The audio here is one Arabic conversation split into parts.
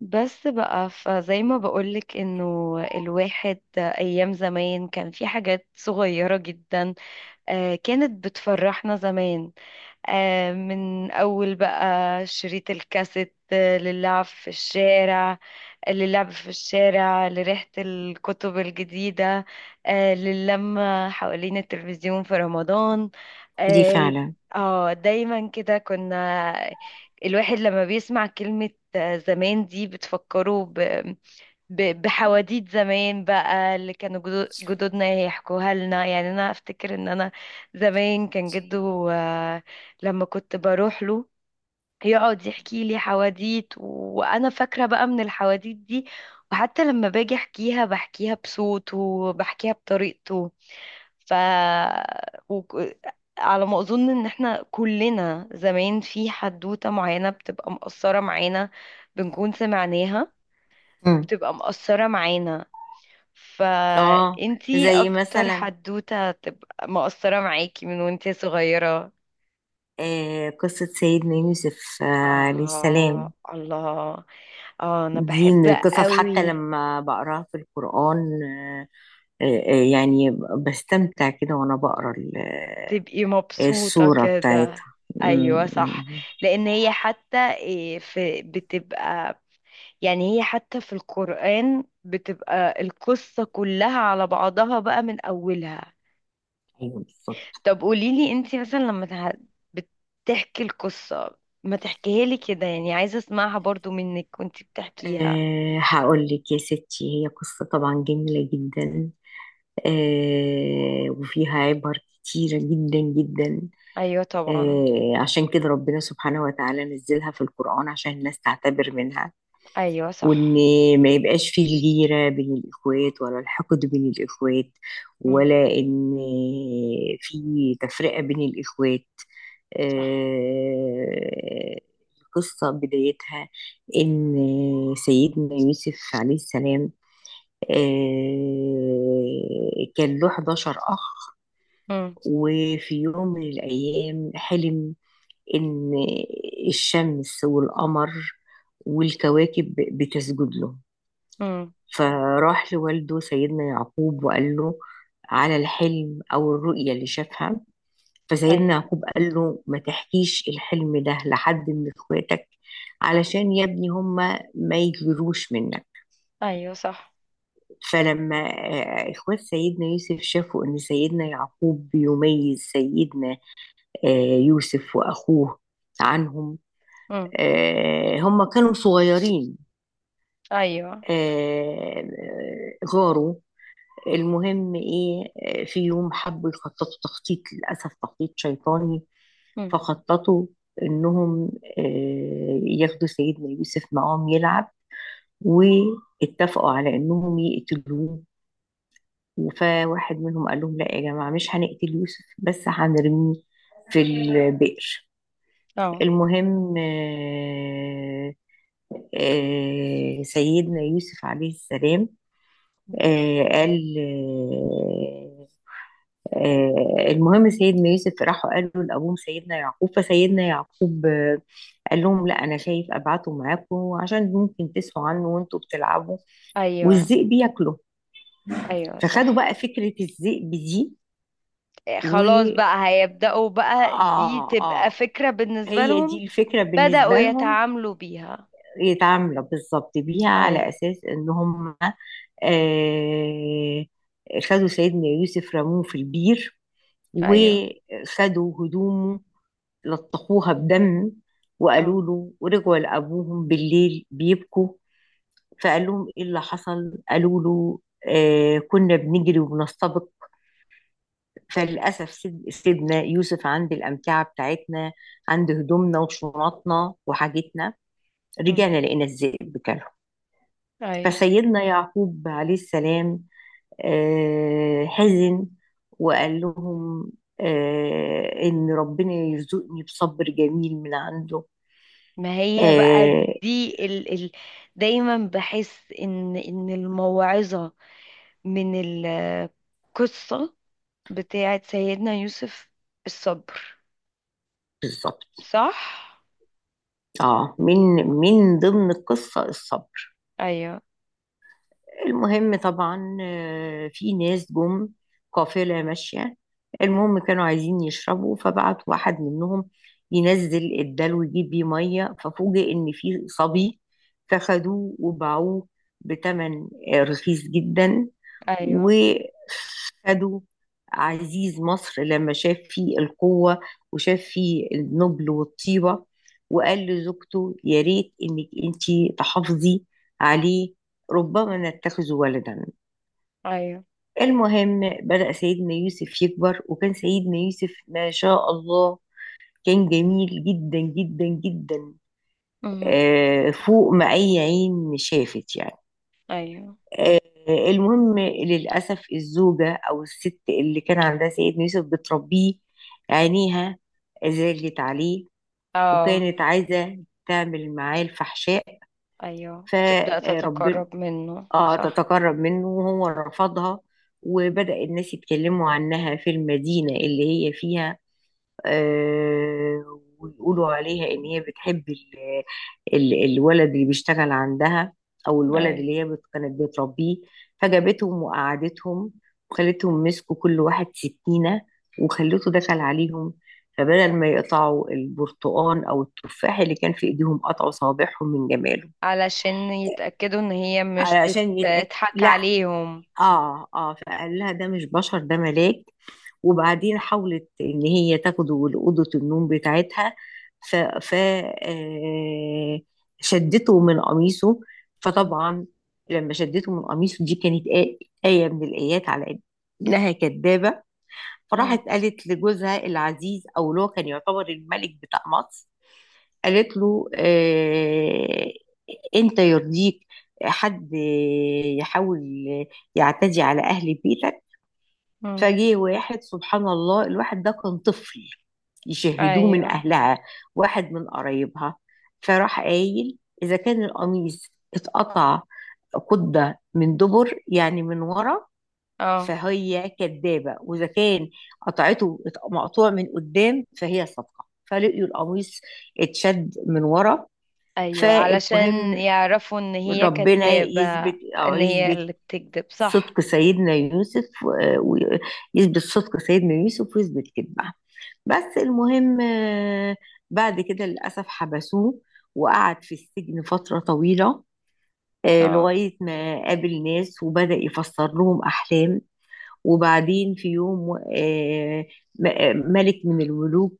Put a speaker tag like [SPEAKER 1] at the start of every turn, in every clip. [SPEAKER 1] بس بقى فزي ما بقولك انه الواحد ايام زمان كان في حاجات صغيرة جدا. آه، كانت بتفرحنا زمان. آه، من أول بقى شريط الكاسيت، آه، للعب في الشارع. للعب في الشارع، لريحة الكتب الجديدة، آه، للمة حوالين التلفزيون في رمضان.
[SPEAKER 2] دي
[SPEAKER 1] اه.
[SPEAKER 2] فعلا.
[SPEAKER 1] آه، دايما كده كنا. الواحد لما بيسمع كلمة آه، زمان دي بتفكره بحواديت زمان بقى اللي كانوا جدودنا يحكوها لنا. يعني انا افتكر ان انا زمان كان جده، آه، لما كنت بروح له يقعد يحكي لي حواديت. وانا فاكره بقى من الحواديت دي. وحتى لما باجي احكيها بحكيها بصوته وبحكيها بطريقته. ف وك... على ما اظن ان احنا كلنا زمان في حدوته معينه بتبقى مقصره معانا، بنكون سمعناها،
[SPEAKER 2] امم.
[SPEAKER 1] بتبقى مقصره معانا.
[SPEAKER 2] اه.
[SPEAKER 1] فانتي
[SPEAKER 2] زي
[SPEAKER 1] اكتر
[SPEAKER 2] مثلا،
[SPEAKER 1] حدوته تبقى مقصره معاكي من وانتي صغيره؟
[SPEAKER 2] قصة سيدنا يوسف عليه السلام.
[SPEAKER 1] آه، الله. آه، أنا
[SPEAKER 2] دي
[SPEAKER 1] بحب
[SPEAKER 2] من القصص، حتى
[SPEAKER 1] قوي.
[SPEAKER 2] لما بقراها في القرآن، آه، يعني بستمتع كده وأنا بقرا
[SPEAKER 1] تبقي مبسوطة
[SPEAKER 2] السورة
[SPEAKER 1] كده.
[SPEAKER 2] بتاعتها. مم،
[SPEAKER 1] أيوة
[SPEAKER 2] مم.
[SPEAKER 1] صح. لأن هي حتى إيه في بتبقى، يعني هي حتى في القرآن بتبقى القصة كلها على بعضها بقى من أولها.
[SPEAKER 2] أيوه بالظبط.
[SPEAKER 1] طب قوليلي أنتي مثلا لما بتحكي القصة، ما تحكيها لي كده؟ يعني عايزة أسمعها برضو منك وأنتي بتحكيها.
[SPEAKER 2] أه، هقول لك يا ستي، هي قصة طبعا جميلة جدا. أه، وفيها عبر كتيرة جدا جدا.
[SPEAKER 1] أيوة طبعا.
[SPEAKER 2] أه، عشان كده ربنا سبحانه وتعالى نزلها في القرآن عشان الناس تعتبر منها،
[SPEAKER 1] أيوة
[SPEAKER 2] وان
[SPEAKER 1] صح.
[SPEAKER 2] ما يبقاش فيه الغيرة بين الاخوات، ولا الحقد بين الاخوات،
[SPEAKER 1] مم.
[SPEAKER 2] ولا ان في تفرقة بين الاخوات.
[SPEAKER 1] صح.
[SPEAKER 2] آه، القصة بدايتها ان سيدنا يوسف عليه السلام كان له 11 اخ.
[SPEAKER 1] مم.
[SPEAKER 2] وفي يوم من الايام حلم ان الشمس والقمر والكواكب بتسجد له.
[SPEAKER 1] مم.
[SPEAKER 2] فراح لوالده سيدنا يعقوب وقال له على الحلم أو الرؤية اللي شافها. فسيدنا
[SPEAKER 1] ايوه.
[SPEAKER 2] يعقوب قال له ما تحكيش الحلم ده لحد من اخواتك، علشان يا ابني هما ما يجروش منك.
[SPEAKER 1] ايوه صح.
[SPEAKER 2] فلما اخوات سيدنا يوسف شافوا ان سيدنا يعقوب بيميز سيدنا يوسف واخوه عنهم،
[SPEAKER 1] امم.
[SPEAKER 2] هم كانوا صغيرين،
[SPEAKER 1] ايوه.
[SPEAKER 2] غاروا. المهم ايه، في يوم حبوا يخططوا تخطيط للأسف تخطيط شيطاني.
[SPEAKER 1] امم.
[SPEAKER 2] فخططوا انهم ياخدوا سيدنا يوسف معاهم يلعب، واتفقوا على انهم يقتلوه. فواحد منهم قال لهم لا يا جماعة مش هنقتل يوسف، بس هنرميه في البئر.
[SPEAKER 1] اه.
[SPEAKER 2] المهم سيدنا يوسف عليه السلام آه، قال آه، آه، المهم سيدنا يوسف راحوا قالوا لأبوهم سيدنا يعقوب. فسيدنا يعقوب قال لهم لا أنا شايف أبعته معاكم عشان ممكن تسهوا عنه وأنتوا بتلعبوا
[SPEAKER 1] ايوه.
[SPEAKER 2] والذئب ياكله.
[SPEAKER 1] ايوه
[SPEAKER 2] فخدوا
[SPEAKER 1] صح.
[SPEAKER 2] بقى فكرة الذئب دي.
[SPEAKER 1] إيه،
[SPEAKER 2] و
[SPEAKER 1] خلاص بقى هيبدأوا بقى، دي
[SPEAKER 2] آه
[SPEAKER 1] تبقى
[SPEAKER 2] آه
[SPEAKER 1] فكرة بالنسبة
[SPEAKER 2] هي
[SPEAKER 1] لهم.
[SPEAKER 2] دي الفكرة بالنسبة
[SPEAKER 1] بدأوا
[SPEAKER 2] لهم،
[SPEAKER 1] يتعاملوا بيها.
[SPEAKER 2] يتعاملوا بالظبط بيها على
[SPEAKER 1] ايوه.
[SPEAKER 2] أساس إن هم آه خدوا سيدنا يوسف رموه في البير،
[SPEAKER 1] ايوه.
[SPEAKER 2] وخدوا هدومه لطخوها بدم، وقالوا
[SPEAKER 1] اه.
[SPEAKER 2] له ورجعوا لأبوهم بالليل بيبكوا. فقال لهم إيه اللي حصل، قالوا له كنا بنجري وبنستبق، فللأسف سيدنا يوسف عند الأمتعة بتاعتنا، عند هدومنا وشنطنا وحاجتنا،
[SPEAKER 1] أمم،
[SPEAKER 2] رجعنا لقينا الذئب كله.
[SPEAKER 1] ايوه.
[SPEAKER 2] فسيدنا يعقوب عليه السلام حزن وقال لهم إن ربنا يرزقني بصبر جميل من عنده.
[SPEAKER 1] ما هي بقى
[SPEAKER 2] آه
[SPEAKER 1] دي ال ال دايما بحس ان الموعظة من القصة بتاعت سيدنا يوسف الصبر.
[SPEAKER 2] بالظبط.
[SPEAKER 1] صح.
[SPEAKER 2] اه، من
[SPEAKER 1] آه.
[SPEAKER 2] من ضمن القصة الصبر.
[SPEAKER 1] ايوه.
[SPEAKER 2] المهم طبعا في ناس جم قافلة ماشية. المهم كانوا عايزين يشربوا فبعت واحد منهم ينزل الدلو يجيب بيه مية، ففوجئ إن في صبي، فخدوه وباعوه بتمن رخيص جدا.
[SPEAKER 1] ايوه.
[SPEAKER 2] وخدوا عزيز مصر لما شاف فيه القوة وشاف فيه النبل والطيبة، وقال لزوجته يا ريت إنك أنتي تحافظي عليه ربما نتخذ ولدا.
[SPEAKER 1] ايوه.
[SPEAKER 2] المهم بدأ سيدنا يوسف يكبر وكان سيدنا يوسف ما شاء الله كان جميل جدا جدا جدا،
[SPEAKER 1] مهم.
[SPEAKER 2] فوق ما أي عين شافت يعني.
[SPEAKER 1] ايوه.
[SPEAKER 2] آه، المهم للأسف الزوجة أو الست اللي كان عندها سيدنا يوسف بتربيه عينيها زالت عليه،
[SPEAKER 1] اه.
[SPEAKER 2] وكانت عايزة تعمل معاه الفحشاء.
[SPEAKER 1] ايوه، تبدأ
[SPEAKER 2] فربنا،
[SPEAKER 1] تتقرب منه،
[SPEAKER 2] اه،
[SPEAKER 1] صح.
[SPEAKER 2] تتقرب منه وهو رفضها. وبدأ الناس يتكلموا عنها في المدينة اللي هي فيها، ويقولوا عليها ان هي بتحب ال الولد اللي بيشتغل عندها، او الولد
[SPEAKER 1] ايوه،
[SPEAKER 2] اللي هي كانت بتربيه. فجابتهم وقعدتهم وخلتهم مسكوا كل واحد سكينة، وخلته دخل عليهم. فبدل ما يقطعوا البرتقان او التفاح اللي كان في ايديهم قطعوا صوابعهم من جماله.
[SPEAKER 1] علشان يتأكدوا ان هي مش
[SPEAKER 2] علشان يتأكد،
[SPEAKER 1] بتضحك
[SPEAKER 2] لا،
[SPEAKER 1] عليهم.
[SPEAKER 2] اه فقال لها ده مش بشر ده ملاك. وبعدين حاولت ان هي تاخده لأوضة النوم بتاعتها. ف شدته من قميصه.
[SPEAKER 1] مم.
[SPEAKER 2] فطبعا لما شدته من قميصه دي كانت آية من الآيات على إنها كدابة. فراحت
[SPEAKER 1] مم.
[SPEAKER 2] قالت لجوزها العزيز أو اللي هو كان يعتبر الملك بتاع مصر. قالت له أنت يرضيك حد يحاول يعتدي على أهل بيتك؟
[SPEAKER 1] مم.
[SPEAKER 2] فجه واحد سبحان الله الواحد ده كان طفل يشاهدوه من
[SPEAKER 1] ايوه.
[SPEAKER 2] أهلها، واحد من قرايبها. فراح قايل إذا كان القميص اتقطع قدة من دبر يعني من ورا
[SPEAKER 1] اه.
[SPEAKER 2] فهي كدابة، وإذا كان مقطوع من قدام فهي صادقة. فلقيوا القميص اتشد من ورا.
[SPEAKER 1] ايوه، علشان
[SPEAKER 2] فالمهم
[SPEAKER 1] يعرفوا ان هي
[SPEAKER 2] ربنا
[SPEAKER 1] كدابة.
[SPEAKER 2] يثبت أو
[SPEAKER 1] ان هي
[SPEAKER 2] يثبت
[SPEAKER 1] اللي بتكذب، صح.
[SPEAKER 2] صدق سيدنا يوسف، ويثبت كذبه. بس المهم بعد كده للأسف حبسوه، وقعد في السجن فترة طويلة،
[SPEAKER 1] اه.
[SPEAKER 2] لغاية ما قابل ناس وبدأ يفسر لهم أحلام. وبعدين في يوم آه، ملك من الملوك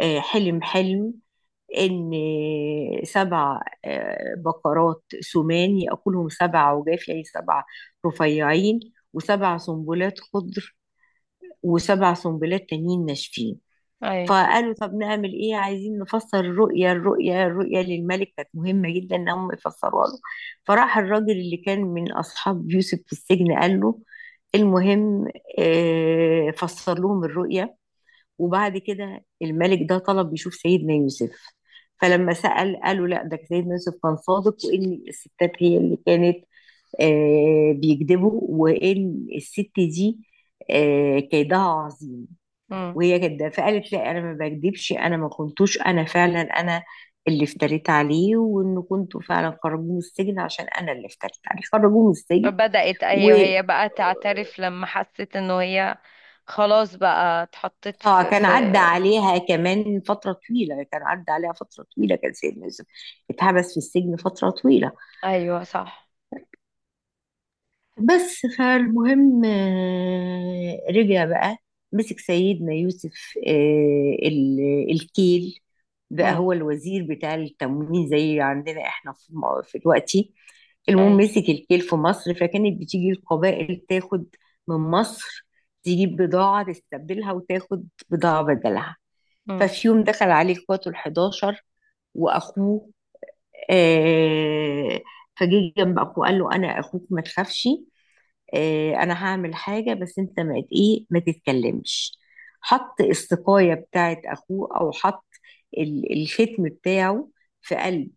[SPEAKER 2] حلم ان 7 بقرات سمان ياكلهم 7 عجاف يعني 7 رفيعين، و7 سنبلات خضر، و7 سنبلات تانيين ناشفين.
[SPEAKER 1] ايوه.
[SPEAKER 2] فقالوا طب نعمل ايه، عايزين نفسر الرؤيا، الرؤيا للملك كانت مهمه جدا ان هم يفسروها له. فراح الراجل اللي كان من اصحاب يوسف في السجن قال له المهم، فسر لهم الرؤيا. وبعد كده الملك ده طلب يشوف سيدنا يوسف. فلما سأل قالوا لا ده سيدنا يوسف كان صادق، وإن الستات هي اللي كانت بيكذبوا، وإن الست دي كيدها عظيم.
[SPEAKER 1] مم.
[SPEAKER 2] وهي كده فقالت لا أنا ما بكذبش، أنا ما كنتوش، أنا فعلا أنا اللي افتريت عليه، وإنه كنتوا فعلا خرجوه من السجن عشان أنا اللي افتريت عليه خرجوه من السجن.
[SPEAKER 1] بدأت،
[SPEAKER 2] و
[SPEAKER 1] ايوه، هي بقى تعترف لما حست انه هي خلاص بقى اتحطت
[SPEAKER 2] اه
[SPEAKER 1] في
[SPEAKER 2] كان
[SPEAKER 1] في
[SPEAKER 2] عدى عليها كمان فترة طويلة، كان سيدنا يوسف اتحبس في السجن فترة طويلة.
[SPEAKER 1] ايوه صح.
[SPEAKER 2] بس فالمهم رجع بقى مسك سيدنا يوسف الكيل، بقى
[SPEAKER 1] مم.
[SPEAKER 2] هو الوزير بتاع التموين زي عندنا احنا في في دلوقتي. المهم
[SPEAKER 1] ايوه.
[SPEAKER 2] مسك الكيل في مصر، فكانت بتيجي القبائل تاخد من مصر، تجيب بضاعة تستبدلها وتاخد بضاعة بدلها.
[SPEAKER 1] امم.
[SPEAKER 2] ففي يوم دخل عليه اخواته ال 11 واخوه، آه فجه جنب اخوه قال له انا اخوك ما تخافش، انا هعمل حاجه، بس انت ما ت- ايه ما تتكلمش. حط السقايه بتاعت اخوه او حط الختم بتاعه في قلب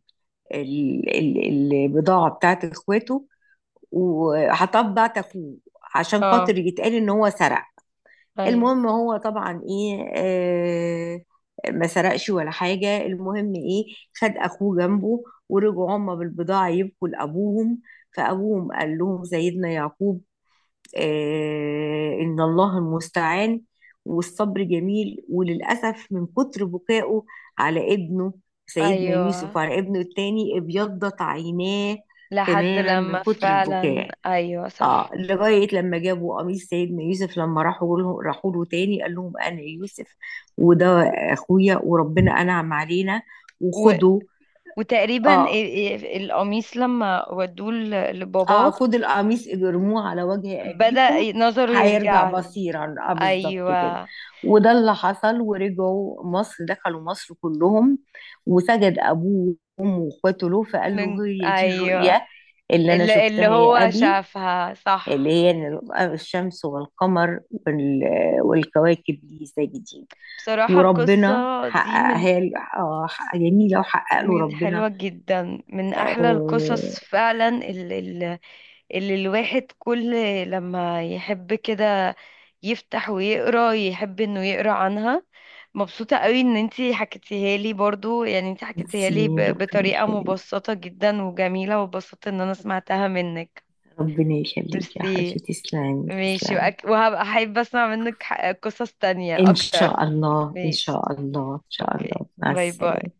[SPEAKER 2] البضاعه بتاعت اخواته، وحطها في بتاعت اخوه عشان
[SPEAKER 1] اه.
[SPEAKER 2] خاطر يتقال ان هو سرق.
[SPEAKER 1] ايوه.
[SPEAKER 2] المهم هو طبعا ايه ما سرقش ولا حاجة. المهم ايه، خد اخوه جنبه ورجعوا هما بالبضاعة يبكوا لابوهم. فابوهم قال لهم سيدنا يعقوب ان الله المستعان والصبر جميل. وللأسف من كتر بكائه على ابنه سيدنا يوسف
[SPEAKER 1] ايوه
[SPEAKER 2] وعلى ابنه التاني ابيضت عيناه
[SPEAKER 1] لحد
[SPEAKER 2] تماما من
[SPEAKER 1] لما
[SPEAKER 2] كتر
[SPEAKER 1] فعلا،
[SPEAKER 2] البكاء.
[SPEAKER 1] ايوه
[SPEAKER 2] اه،
[SPEAKER 1] صح.
[SPEAKER 2] لغاية لما جابوا قميص سيدنا يوسف، لما راحوا له راحوا له تاني قال لهم انا يوسف، وده اخويا، وربنا انعم علينا.
[SPEAKER 1] و...
[SPEAKER 2] وخدوا
[SPEAKER 1] وتقريبا
[SPEAKER 2] اه
[SPEAKER 1] القميص لما ودوه لباباه
[SPEAKER 2] اه خد القميص اجرموه على وجه
[SPEAKER 1] بدأ
[SPEAKER 2] ابيكم
[SPEAKER 1] نظره
[SPEAKER 2] هيرجع
[SPEAKER 1] يرجع له.
[SPEAKER 2] بصيرا. اه بالظبط كده.
[SPEAKER 1] ايوه.
[SPEAKER 2] وده اللي حصل، ورجعوا مصر، دخلوا مصر كلهم. وسجد ابوه وامه واخواته له، فقال
[SPEAKER 1] من
[SPEAKER 2] له هي دي الرؤيا
[SPEAKER 1] ايوه،
[SPEAKER 2] اللي انا
[SPEAKER 1] اللي
[SPEAKER 2] شفتها يا
[SPEAKER 1] هو
[SPEAKER 2] ابي،
[SPEAKER 1] شافها،
[SPEAKER 2] اللي
[SPEAKER 1] صح.
[SPEAKER 2] هي إن الشمس والقمر والكواكب دي ازاي جديد.
[SPEAKER 1] بصراحة
[SPEAKER 2] وربنا
[SPEAKER 1] القصة دي من
[SPEAKER 2] حققها له، جميلة وحقق له
[SPEAKER 1] من
[SPEAKER 2] ربنا.
[SPEAKER 1] حلوة جدا، من احلى
[SPEAKER 2] آه،
[SPEAKER 1] القصص فعلا. اللي الواحد كل لما يحب كده يفتح ويقرا، يحب انه يقرا عنها. مبسوطة قوي ان انتي حكيتيها لي برضو. يعني انتي حكيتيها لي
[SPEAKER 2] ميرسي ربنا
[SPEAKER 1] بطريقة
[SPEAKER 2] يخليك،
[SPEAKER 1] مبسطة جدا وجميلة، وبسطت ان انا سمعتها منك.
[SPEAKER 2] ربنا يخليك يا حبيبتي،
[SPEAKER 1] ميرسي.
[SPEAKER 2] تسلمي
[SPEAKER 1] ماشي.
[SPEAKER 2] تسلمي.
[SPEAKER 1] وهبقى احب اسمع منك قصص تانية
[SPEAKER 2] إن
[SPEAKER 1] اكتر.
[SPEAKER 2] شاء الله إن
[SPEAKER 1] ماشي.
[SPEAKER 2] شاء الله إن شاء
[SPEAKER 1] اوكي،
[SPEAKER 2] الله، مع
[SPEAKER 1] باي باي.
[SPEAKER 2] السلامة.